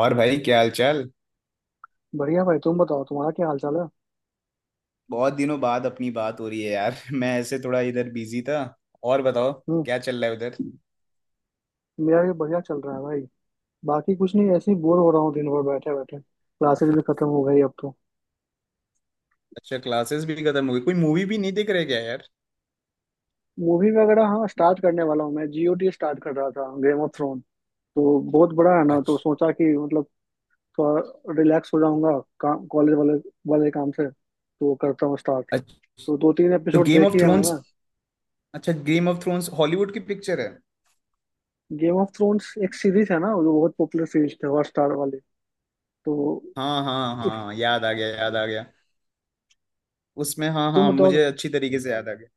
और भाई क्या हाल चाल। बढ़िया भाई तुम बताओ तुम्हारा क्या हाल चाल है। बहुत दिनों बाद अपनी बात हो रही है यार। मैं ऐसे थोड़ा इधर बिजी था। और बताओ हम्म। क्या चल रहा है उधर। मेरा भी बढ़िया चल रहा है भाई। बाकी कुछ नहीं ऐसे ही बोर हो रहा हूँ दिन भर बैठे बैठे क्लासेस भी खत्म हो गई अब तो। अच्छा, क्लासेस भी खत्म हो गई, कोई मूवी भी नहीं देख रहे क्या यार। मूवी वगैरह हाँ स्टार्ट करने वाला हूँ मैं। जीओटी स्टार्ट कर रहा था गेम ऑफ थ्रोन। तो बहुत बड़ा है ना तो अच्छा, सोचा कि मतलब थोड़ा रिलैक्स हो जाऊंगा। काम कॉलेज वाले वाले काम से तो करता हूँ स्टार्ट। अच्छा, तो दो तीन तो एपिसोड गेम देखी ऑफ है थ्रोन्स। मैंने। अच्छा, गेम ऑफ थ्रोन्स हॉलीवुड की पिक्चर है। गेम ऑफ थ्रोन्स एक सीरीज है ना जो बहुत पॉपुलर सीरीज थी हॉटस्टार वाली। तो हाँ हाँ हाँ, याद आ गया याद आ गया। उसमें हाँ तुम हाँ, बताओ। मुझे अच्छी तरीके से याद आ गया।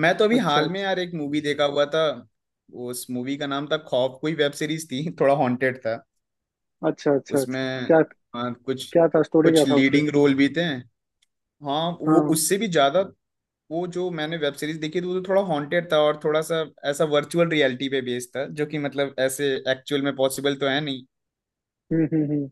मैं तो अभी अच्छा हाल में अच्छा यार एक मूवी देखा हुआ था। उस मूवी का नाम था खौफ, कोई वेब सीरीज थी। थोड़ा हॉन्टेड था अच्छा। अच्छा अच्छा उसमें। क्या। हाँ, कुछ, क्या था स्टोरी क्या कुछ था उसके। लीडिंग रोल भी थे। हाँ, वो हाँ। उससे भी ज्यादा, वो जो मैंने वेब सीरीज देखी थी वो तो थोड़ा हॉन्टेड था और थोड़ा सा ऐसा वर्चुअल रियलिटी पे बेस्ड था, जो कि मतलब ऐसे एक्चुअल में पॉसिबल तो है नहीं। हम्म।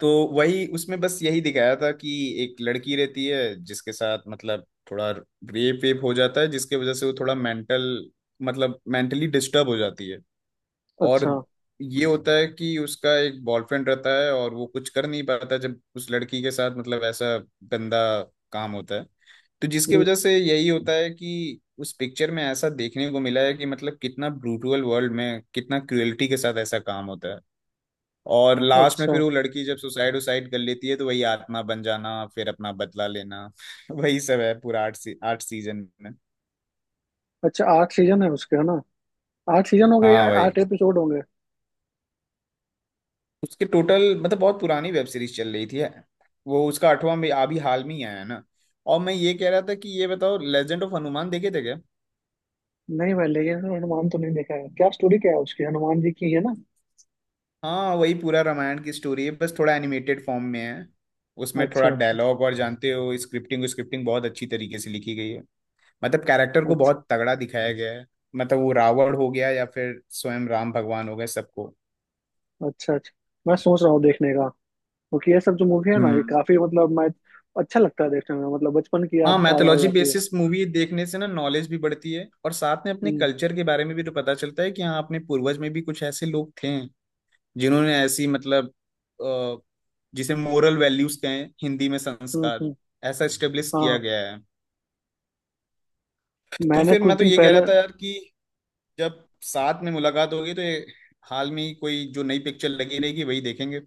तो वही उसमें बस यही दिखाया था कि एक लड़की रहती है, जिसके साथ मतलब थोड़ा रेप वेप हो जाता है, जिसके वजह से वो थोड़ा मेंटल, मतलब मेंटली डिस्टर्ब हो जाती है। और अच्छा। ये होता है कि उसका एक बॉयफ्रेंड रहता है और वो कुछ कर नहीं पाता जब उस लड़की के साथ मतलब ऐसा गंदा काम होता है। तो जिसकी हम्म, वजह से यही होता है कि उस पिक्चर में ऐसा देखने को मिला है कि मतलब कितना ब्रूटल वर्ल्ड में कितना क्रुएल्टी के साथ ऐसा काम होता है। और लास्ट में अच्छा फिर वो लड़की जब सुसाइड उसाइड कर लेती है, तो वही आत्मा बन जाना फिर अपना बदला लेना, वही सब है पूरा 8 सीजन में। अच्छा आठ सीजन है उसके है ना। आठ सीजन हो गए या हाँ भाई, आठ एपिसोड होंगे। उसके टोटल मतलब बहुत पुरानी वेब सीरीज चल रही थी है, वो उसका आठवां भी अभी हाल में ही आया है ना। और मैं ये कह रहा था कि ये बताओ, लेजेंड ऑफ हनुमान देखे थे क्या। नहीं भाई लेकिन हनुमान तो नहीं देखा है क्या स्टोरी क्या है उसकी हनुमान जी की है ना। हाँ, वही पूरा रामायण की स्टोरी है, बस थोड़ा एनिमेटेड फॉर्म में है। उसमें अच्छा थोड़ा अच्छा। डायलॉग और जानते हो स्क्रिप्टिंग स्क्रिप्टिंग बहुत अच्छी तरीके से लिखी गई है। मतलब कैरेक्टर को अच्छा बहुत तगड़ा दिखाया गया है, मतलब वो रावण हो गया या फिर स्वयं राम भगवान हो गए सबको। अच्छा अच्छा। मैं सोच रहा हूँ देखने का। क्योंकि ये सब जो मूवी है ना ये हम्म, काफी मतलब मैं अच्छा लगता है देखने में मतलब बचपन की हाँ, याद ताजा हो मैथोलॉजी जाती है। बेसिस मूवी देखने से ना नॉलेज भी बढ़ती है और साथ में अपने हम्म कल्चर के बारे में भी तो पता चलता है कि हाँ अपने पूर्वज में भी कुछ ऐसे लोग थे, जिन्होंने ऐसी मतलब, अ, जिसे मोरल वैल्यूज कहें, हिंदी में हम्म संस्कार, हम्म, ऐसा स्टेब्लिश किया हाँ गया है। तो मैंने फिर कुछ मैं तो दिन ये कह पहले। रहा था यार कि जब साथ में मुलाकात होगी तो ये हाल में ही कोई जो नई पिक्चर लगी रहेगी वही देखेंगे।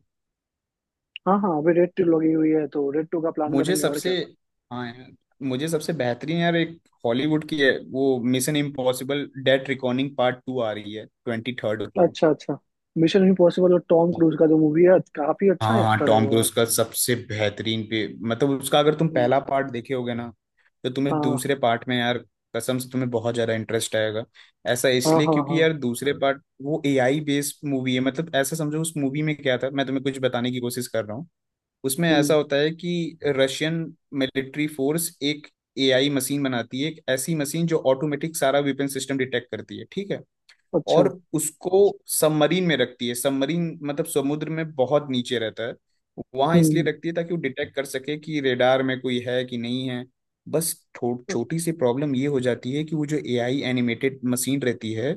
हाँ हाँ अभी रेड टू लगी हुई है तो रेड टू का प्लान मुझे करेंगे और क्या। सबसे, हाँ यार, मुझे सबसे बेहतरीन यार एक हॉलीवुड की है, वो Mission Impossible Dead Recording part two आ रही है 23 को। अच्छा अच्छा। मिशन इम्पॉसिबल और टॉम क्रूज का जो मूवी है काफी हाँ अच्छा हाँ, एक्टर है टॉम वो यार। क्रूज का सबसे बेहतरीन पे, मतलब उसका अगर तुम हम्म, पहला पार्ट देखे होगे ना, तो तुम्हें हाँ दूसरे पार्ट में यार कसम से तुम्हें बहुत ज्यादा इंटरेस्ट आएगा। ऐसा हाँ इसलिए हाँ। हाँ। क्योंकि यार दूसरे पार्ट वो एआई बेस्ड मूवी है, मतलब ऐसा समझो उस मूवी में क्या था, मैं तुम्हें कुछ बताने की कोशिश कर रहा हूँ। उसमें ऐसा हम्म। होता है कि रशियन मिलिट्री फोर्स एक एआई मशीन बनाती है, एक ऐसी मशीन जो ऑटोमेटिक सारा वेपन सिस्टम डिटेक्ट करती है, ठीक है। अच्छा। और उसको सबमरीन में रखती है, सबमरीन मतलब समुद्र में बहुत नीचे रहता है, वहां इसलिए हम्म रखती है ताकि वो डिटेक्ट कर सके कि रेडार में कोई है कि नहीं है। बस छोटी सी प्रॉब्लम ये हो जाती है कि वो जो एआई एनिमेटेड मशीन रहती है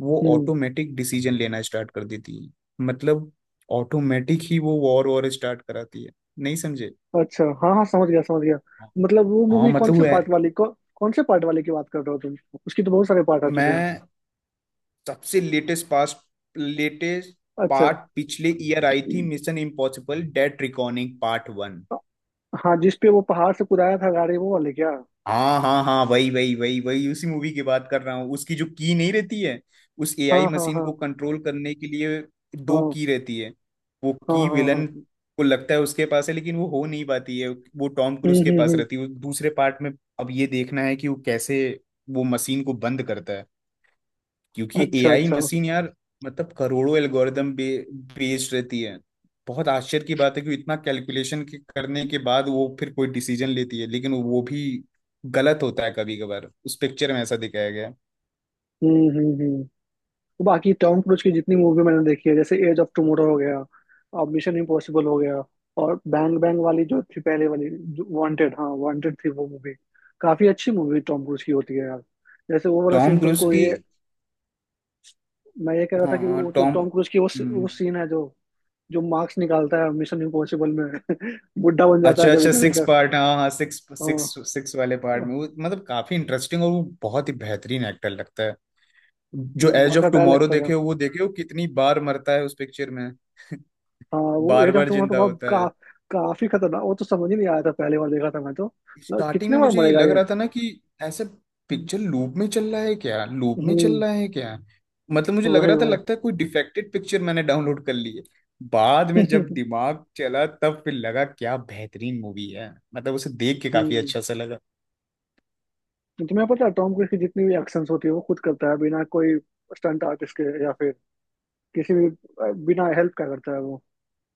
वो हम्म। ऑटोमेटिक डिसीजन लेना स्टार्ट कर देती है। मतलब ऑटोमेटिक ही वो वॉर वॉर स्टार्ट कराती है, नहीं समझे। अच्छा हाँ हाँ समझ गया समझ गया। मतलब वो हाँ, मूवी कौन मतलब वो से है, पार्ट वाली कौन से पार्ट वाले की बात कर रहे हो तुम। उसकी तो बहुत सारे पार्ट आ चुके हैं। मैं सबसे लेटेस्ट पास, लेटेस्ट अच्छा। पार्ट पिछले ईयर आई थी, Mission Impossible Dead Recording part one. हाँ जिस पे वो पहाड़ से कुदाया था गाड़ी वो वाले क्या। हाँ हाँ हाँ, वही वही वही वही, उसी मूवी की बात कर रहा हूँ। उसकी जो की नहीं रहती है उस एआई हाँ हाँ मशीन हाँ को कंट्रोल करने के लिए, दो हाँ। की रहती है। वो हाँ की हाँ हाँ। विलन को लगता है उसके पास है, लेकिन वो हो नहीं पाती है, वो टॉम क्रूज के पास हम्म। रहती है, वो दूसरे पार्ट में। अब ये देखना है कि वो कैसे वो मशीन को बंद करता है, क्योंकि अच्छा एआई अच्छा। मशीन यार मतलब करोड़ों एल्गोरिदम बेस्ड रहती है। बहुत आश्चर्य की बात है कि इतना कैलकुलेशन के करने के बाद वो फिर कोई डिसीजन लेती है, लेकिन वो भी गलत होता है कभी कभार, उस पिक्चर में ऐसा दिखाया गया है। हम्म। तो बाकी टॉम क्रूज की जितनी मूवी मैंने देखी है जैसे एज ऑफ टुमारो हो गया। और मिशन इम्पॉसिबल हो गया। और बैंग बैंग वाली जो थी पहले वाली जो वांटेड हाँ वांटेड थी वो मूवी। काफी अच्छी मूवी टॉम क्रूज की होती है यार। जैसे वो वाला टॉम सीन क्रूज तुमको की, ये मैं ये कह रहा था हाँ कि हाँ, वो जो टॉम, टॉम क्रूज की वो हम्म, सीन है जो जो मार्क्स निकालता है मिशन इम्पॉसिबल में बुढ़ा बन जाता है अच्छा कभी अच्छा, कभी सिक्स का। पार्ट, हाँ हाँ, सिक्स सिक्स, हाँ सिक्स वाले पार्ट में वो मतलब काफी इंटरेस्टिंग और वो बहुत ही बेहतरीन एक्टर लगता है। जो एज ऑफ वर्सटाइल टुमारो लगता था। देखे हो, वो देखे हो कितनी बार मरता है उस पिक्चर में, हाँ वो बार एज ऑफ बार टुमारो जिंदा होता है। काफी खतरनाक वो तो समझ ही नहीं आया था पहली बार देखा था मैं तो मतलब स्टार्टिंग कितने में बार मुझे ये मरेगा। लग रहा था ना कि ऐसे हम्म। पिक्चर लूप में चल रहा है क्या, लूप में चल रहा है क्या, मतलब मुझे लग वही रहा था वही। लगता है कोई डिफेक्टेड पिक्चर मैंने डाउनलोड कर ली है। बाद में जब दिमाग चला तब फिर लगा क्या बेहतरीन मूवी है, मतलब उसे देख के काफी हम्म। अच्छा सा लगा। तुम्हें पता है टॉम क्रूज की जितनी भी एक्शंस होती है वो खुद करता है बिना कोई स्टंट आर्टिस्ट के या फिर किसी भी बिना हेल्प का करता है वो।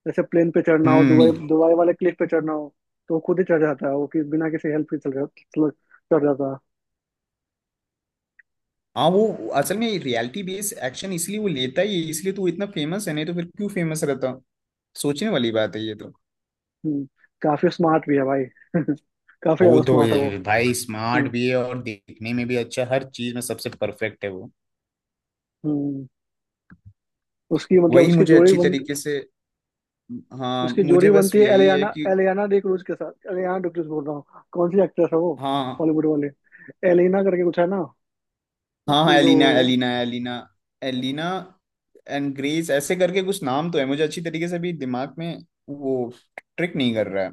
जैसे प्लेन पे चढ़ना हो दुबई हम्म, दुबई वाले क्लिफ पे चढ़ना हो। तो वो खुद ही चढ़ जाता है वो कि बिना किसी हेल्प के चढ़ जाता है। हाँ, वो असल में रियलिटी बेस्ड एक्शन इसलिए वो लेता ही है, इसलिए तो वो इतना फेमस है, नहीं तो फिर क्यों फेमस रहता, सोचने वाली बात है ये तो। हम्म। काफी स्मार्ट भी है भाई काफी वो ज्यादा तो स्मार्ट है वो। ये भाई स्मार्ट हम्म भी है और देखने में भी अच्छा, हर चीज में सबसे परफेक्ट है वो। हम्म। उसकी मतलब वही मुझे अच्छी तरीके से, हाँ उसकी जोड़ी मुझे बस बनती है यही है एलियाना कि, एलियाना डी क्रूज के साथ एलियाना डी क्रूज बोल रहा हूँ कौन सी एक्ट्रेस है वो हाँ बॉलीवुड वाले एलिना करके कुछ है ना हाँ हाँ, उसकी जो। एलिना एलिना एलिना एलिना एंड ग्रेस, ऐसे करके कुछ नाम तो है, मुझे अच्छी तरीके से भी दिमाग में वो ट्रिक नहीं कर रहा है।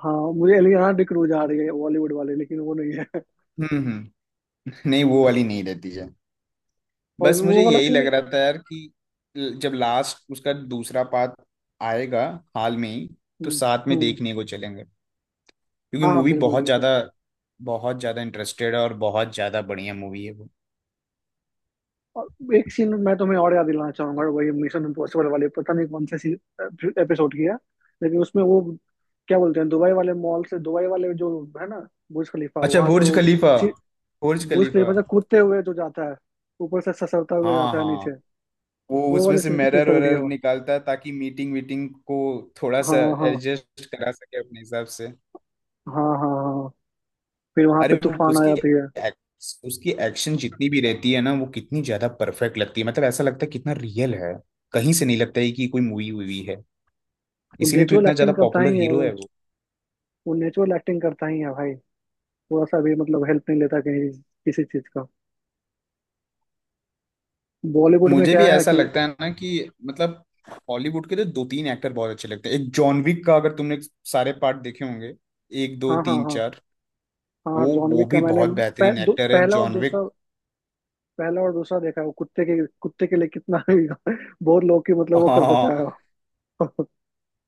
हाँ मुझे एलियाना डी क्रूज आ रही है बॉलीवुड वाले लेकिन वो नहीं है। हम्म, नहीं वो हम्म, वाली नहीं रहती है। और बस मुझे वो वाला यही सीन लग है। रहा था यार कि जब लास्ट उसका दूसरा पार्ट आएगा हाल में ही, तो हम्म साथ में हम्म, देखने को चलेंगे, क्योंकि हाँ हाँ मूवी बिल्कुल बहुत बिल्कुल। ज्यादा, बहुत ज्यादा इंटरेस्टेड है और बहुत ज्यादा बढ़िया मूवी है वो। और एक सीन मैं तुम्हें और याद दिलाना चाहूंगा वही मिशन इम्पॉसिबल वाले पता नहीं कौन से एपिसोड की है लेकिन उसमें वो क्या बोलते हैं दुबई वाले मॉल से दुबई वाले जो है ना बुर्ज खलीफा अच्छा वहां से बुर्ज वो खलीफा, बुर्ज बुश खलीफा, खलीफा से कूदते हुए जो जाता है ऊपर से ससरता हुए हाँ जाता है हाँ। नीचे। वो वो उसमें वाली से सीन कितनी मिरर तगड़ी है वरर वो। निकालता है ताकि मीटिंग वीटिंग को थोड़ा हाँ सा हाँ। एडजस्ट करा सके अपने हिसाब से। हाँ हाँ हाँ। फिर वहां अरे पे वो तूफान आ जाती है। उसकी एक्शन जितनी भी रहती है ना वो कितनी ज्यादा परफेक्ट लगती है, मतलब ऐसा लगता है कितना रियल है, कहीं से नहीं लगता है कि कोई मूवी हुई है। वो इसीलिए तो नेचुरल इतना ज्यादा एक्टिंग करता पॉपुलर ही है हीरो वो। है वो। वो नेचुरल एक्टिंग करता ही है भाई। थोड़ा सा भी मतलब हेल्प नहीं लेता कहीं किसी चीज का। बॉलीवुड में मुझे क्या भी है ऐसा कि लगता है ना कि मतलब हॉलीवुड के तो दो तीन एक्टर बहुत अच्छे लगते हैं, एक जॉन विक का, अगर तुमने सारे पार्ट देखे होंगे, एक दो हाँ हाँ तीन हाँ। चार, हाँ वो जॉन वो विक का भी मैंने बहुत पह, बेहतरीन दो, एक्टर है पहला और जॉन विक। दूसरा पहला और दूसरा देखा है। वो कुत्ते के लिए कितना भी बहुत लोग की मतलब वो कर देता है हाँ वो।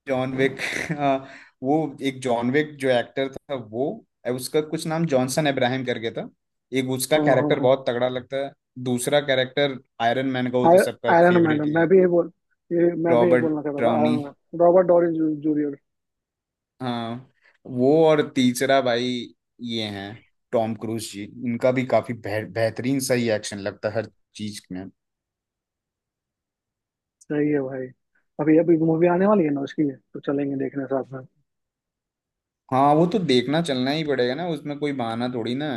जॉन विक, हाँ, वो एक जॉन विक जो एक्टर था, वो, उसका कुछ नाम जॉनसन इब्राहिम करके था, एक उसका हाँ हाँ कैरेक्टर हाँ। बहुत तगड़ा लगता है। दूसरा कैरेक्टर आयरन मैन का, वो तो आय- सबका आयरन फेवरेट मैडम ही मैं है, भी ये बोल ये मैं भी ये रॉबर्ट बोलना चाहता था। Iron Downey, madam Robert dowry junior. हाँ वो, और तीसरा भाई ये हैं टॉम क्रूज जी, इनका भी काफी बेहतरीन सही एक्शन लगता है हर चीज में। सही है भाई। अभी अभी मूवी आने वाली है ना उसकी तो चलेंगे देखने साथ में। हाँ वो तो देखना चलना ही पड़ेगा ना, उसमें कोई बहाना थोड़ी ना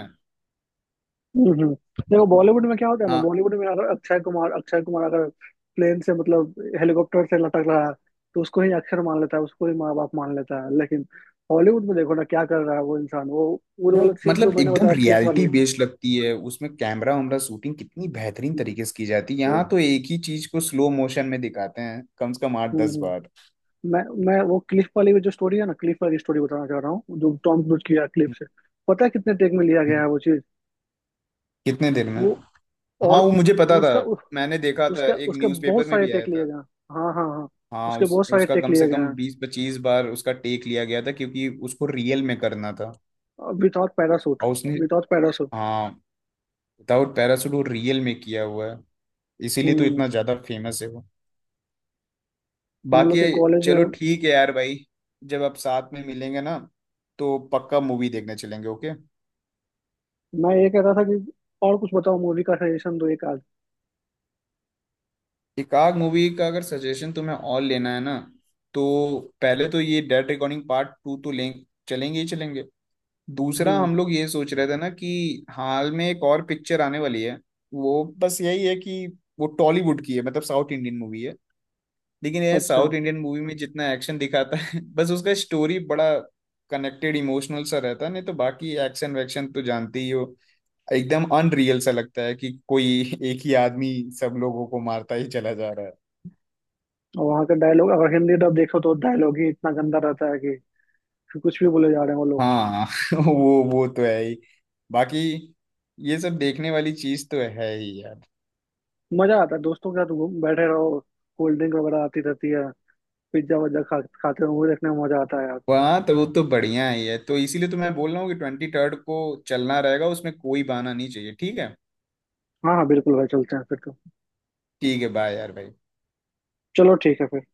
हम्म हम्म। देखो बॉलीवुड में क्या होता है ना है। बॉलीवुड में अगर अक्षय कुमार अगर प्लेन से मतलब हेलीकॉप्टर से लटक रहा है तो उसको ही अक्षर मान लेता है उसको ही माँ बाप मान लेता है लेकिन हॉलीवुड में देखो ना क्या कर रहा है वो इंसान वो वो वाला सीन जो मतलब मैंने एकदम बताया क्लिप रियलिटी वाली बेस्ड लगती है, उसमें कैमरा वैमरा शूटिंग कितनी बेहतरीन तरीके से की जाती है, वो। यहाँ तो एक ही चीज को स्लो मोशन में दिखाते हैं कम से कम आठ हम्म दस हम्म। बार मैं मैं वो क्लिफ वाली जो स्टोरी है ना क्लिफ वाली स्टोरी बताना चाह रहा हूँ जो टॉम क्रूज की है क्लिफ से। पता है कितने टेक में लिया गया है वो चीज। कितने दिन में, वो हाँ और वो मुझे पता था, उसका उ- मैंने देखा था उसके एक उसके बहुत न्यूज़पेपर में सारे भी आया टेक लिए था। गए हैं। हाँ हाँ हाँ। हाँ उसके उस बहुत सारे उसका टेक कम लिए से गए कम हैं। 20-25 बार उसका टेक लिया गया था, क्योंकि उसको रियल में करना था। Without parachute. और उसने, विदाउट पैरासूट। हाँ, विदाउट पैराशूट वो रियल में किया हुआ है, इसीलिए तो हम्म। इतना ज्यादा फेमस है वो। हम लोग बाकी के कॉलेज में। चलो ठीक है यार भाई, जब आप साथ में मिलेंगे ना तो पक्का मूवी देखने चलेंगे, ओके। मैं ये कह रहा था कि और कुछ बताओ मूवी का सजेशन दो एक आध। एकाग मूवी का अगर सजेशन तुम्हें और लेना है ना, तो पहले तो ये डेड रिकॉर्डिंग पार्ट टू तो लें, चलेंगे ही चलेंगे। दूसरा हम्म। हम लोग ये सोच रहे थे ना कि हाल में एक और पिक्चर आने वाली है, वो बस यही है कि वो टॉलीवुड की है, मतलब साउथ इंडियन मूवी है, लेकिन ये अच्छा। साउथ इंडियन मूवी में जितना एक्शन दिखाता है, बस उसका स्टोरी बड़ा कनेक्टेड इमोशनल सा रहता है, नहीं तो बाकी एक्शन वैक्शन तो जानते ही हो, एकदम अनरियल सा लगता है कि कोई एक ही आदमी सब लोगों को मारता ही चला जा रहा है। और वहाँ का डायलॉग अगर हिंदी डब देखो तो डायलॉग ही इतना गंदा रहता है कि कुछ भी बोले जा रहे हैं वो लोग। हाँ, वो तो है ही, बाकी ये सब देखने वाली चीज तो है ही यार। मजा आता है दोस्तों के साथ घूम बैठे रहो। कोल्ड ड्रिंक वगैरह आती रहती है। पिज्जा वज्जा खा खाते रहो वो देखने में मजा आता है यार। वहाँ तो वो तो बढ़िया ही है, तो इसीलिए तो मैं बोल रहा हूँ कि 23 को चलना रहेगा, उसमें कोई बहाना नहीं चाहिए, ठीक है। हाँ हाँ बिल्कुल भाई चलते हैं फिर तो। ठीक है, बाय यार भाई। चलो ठीक है फिर।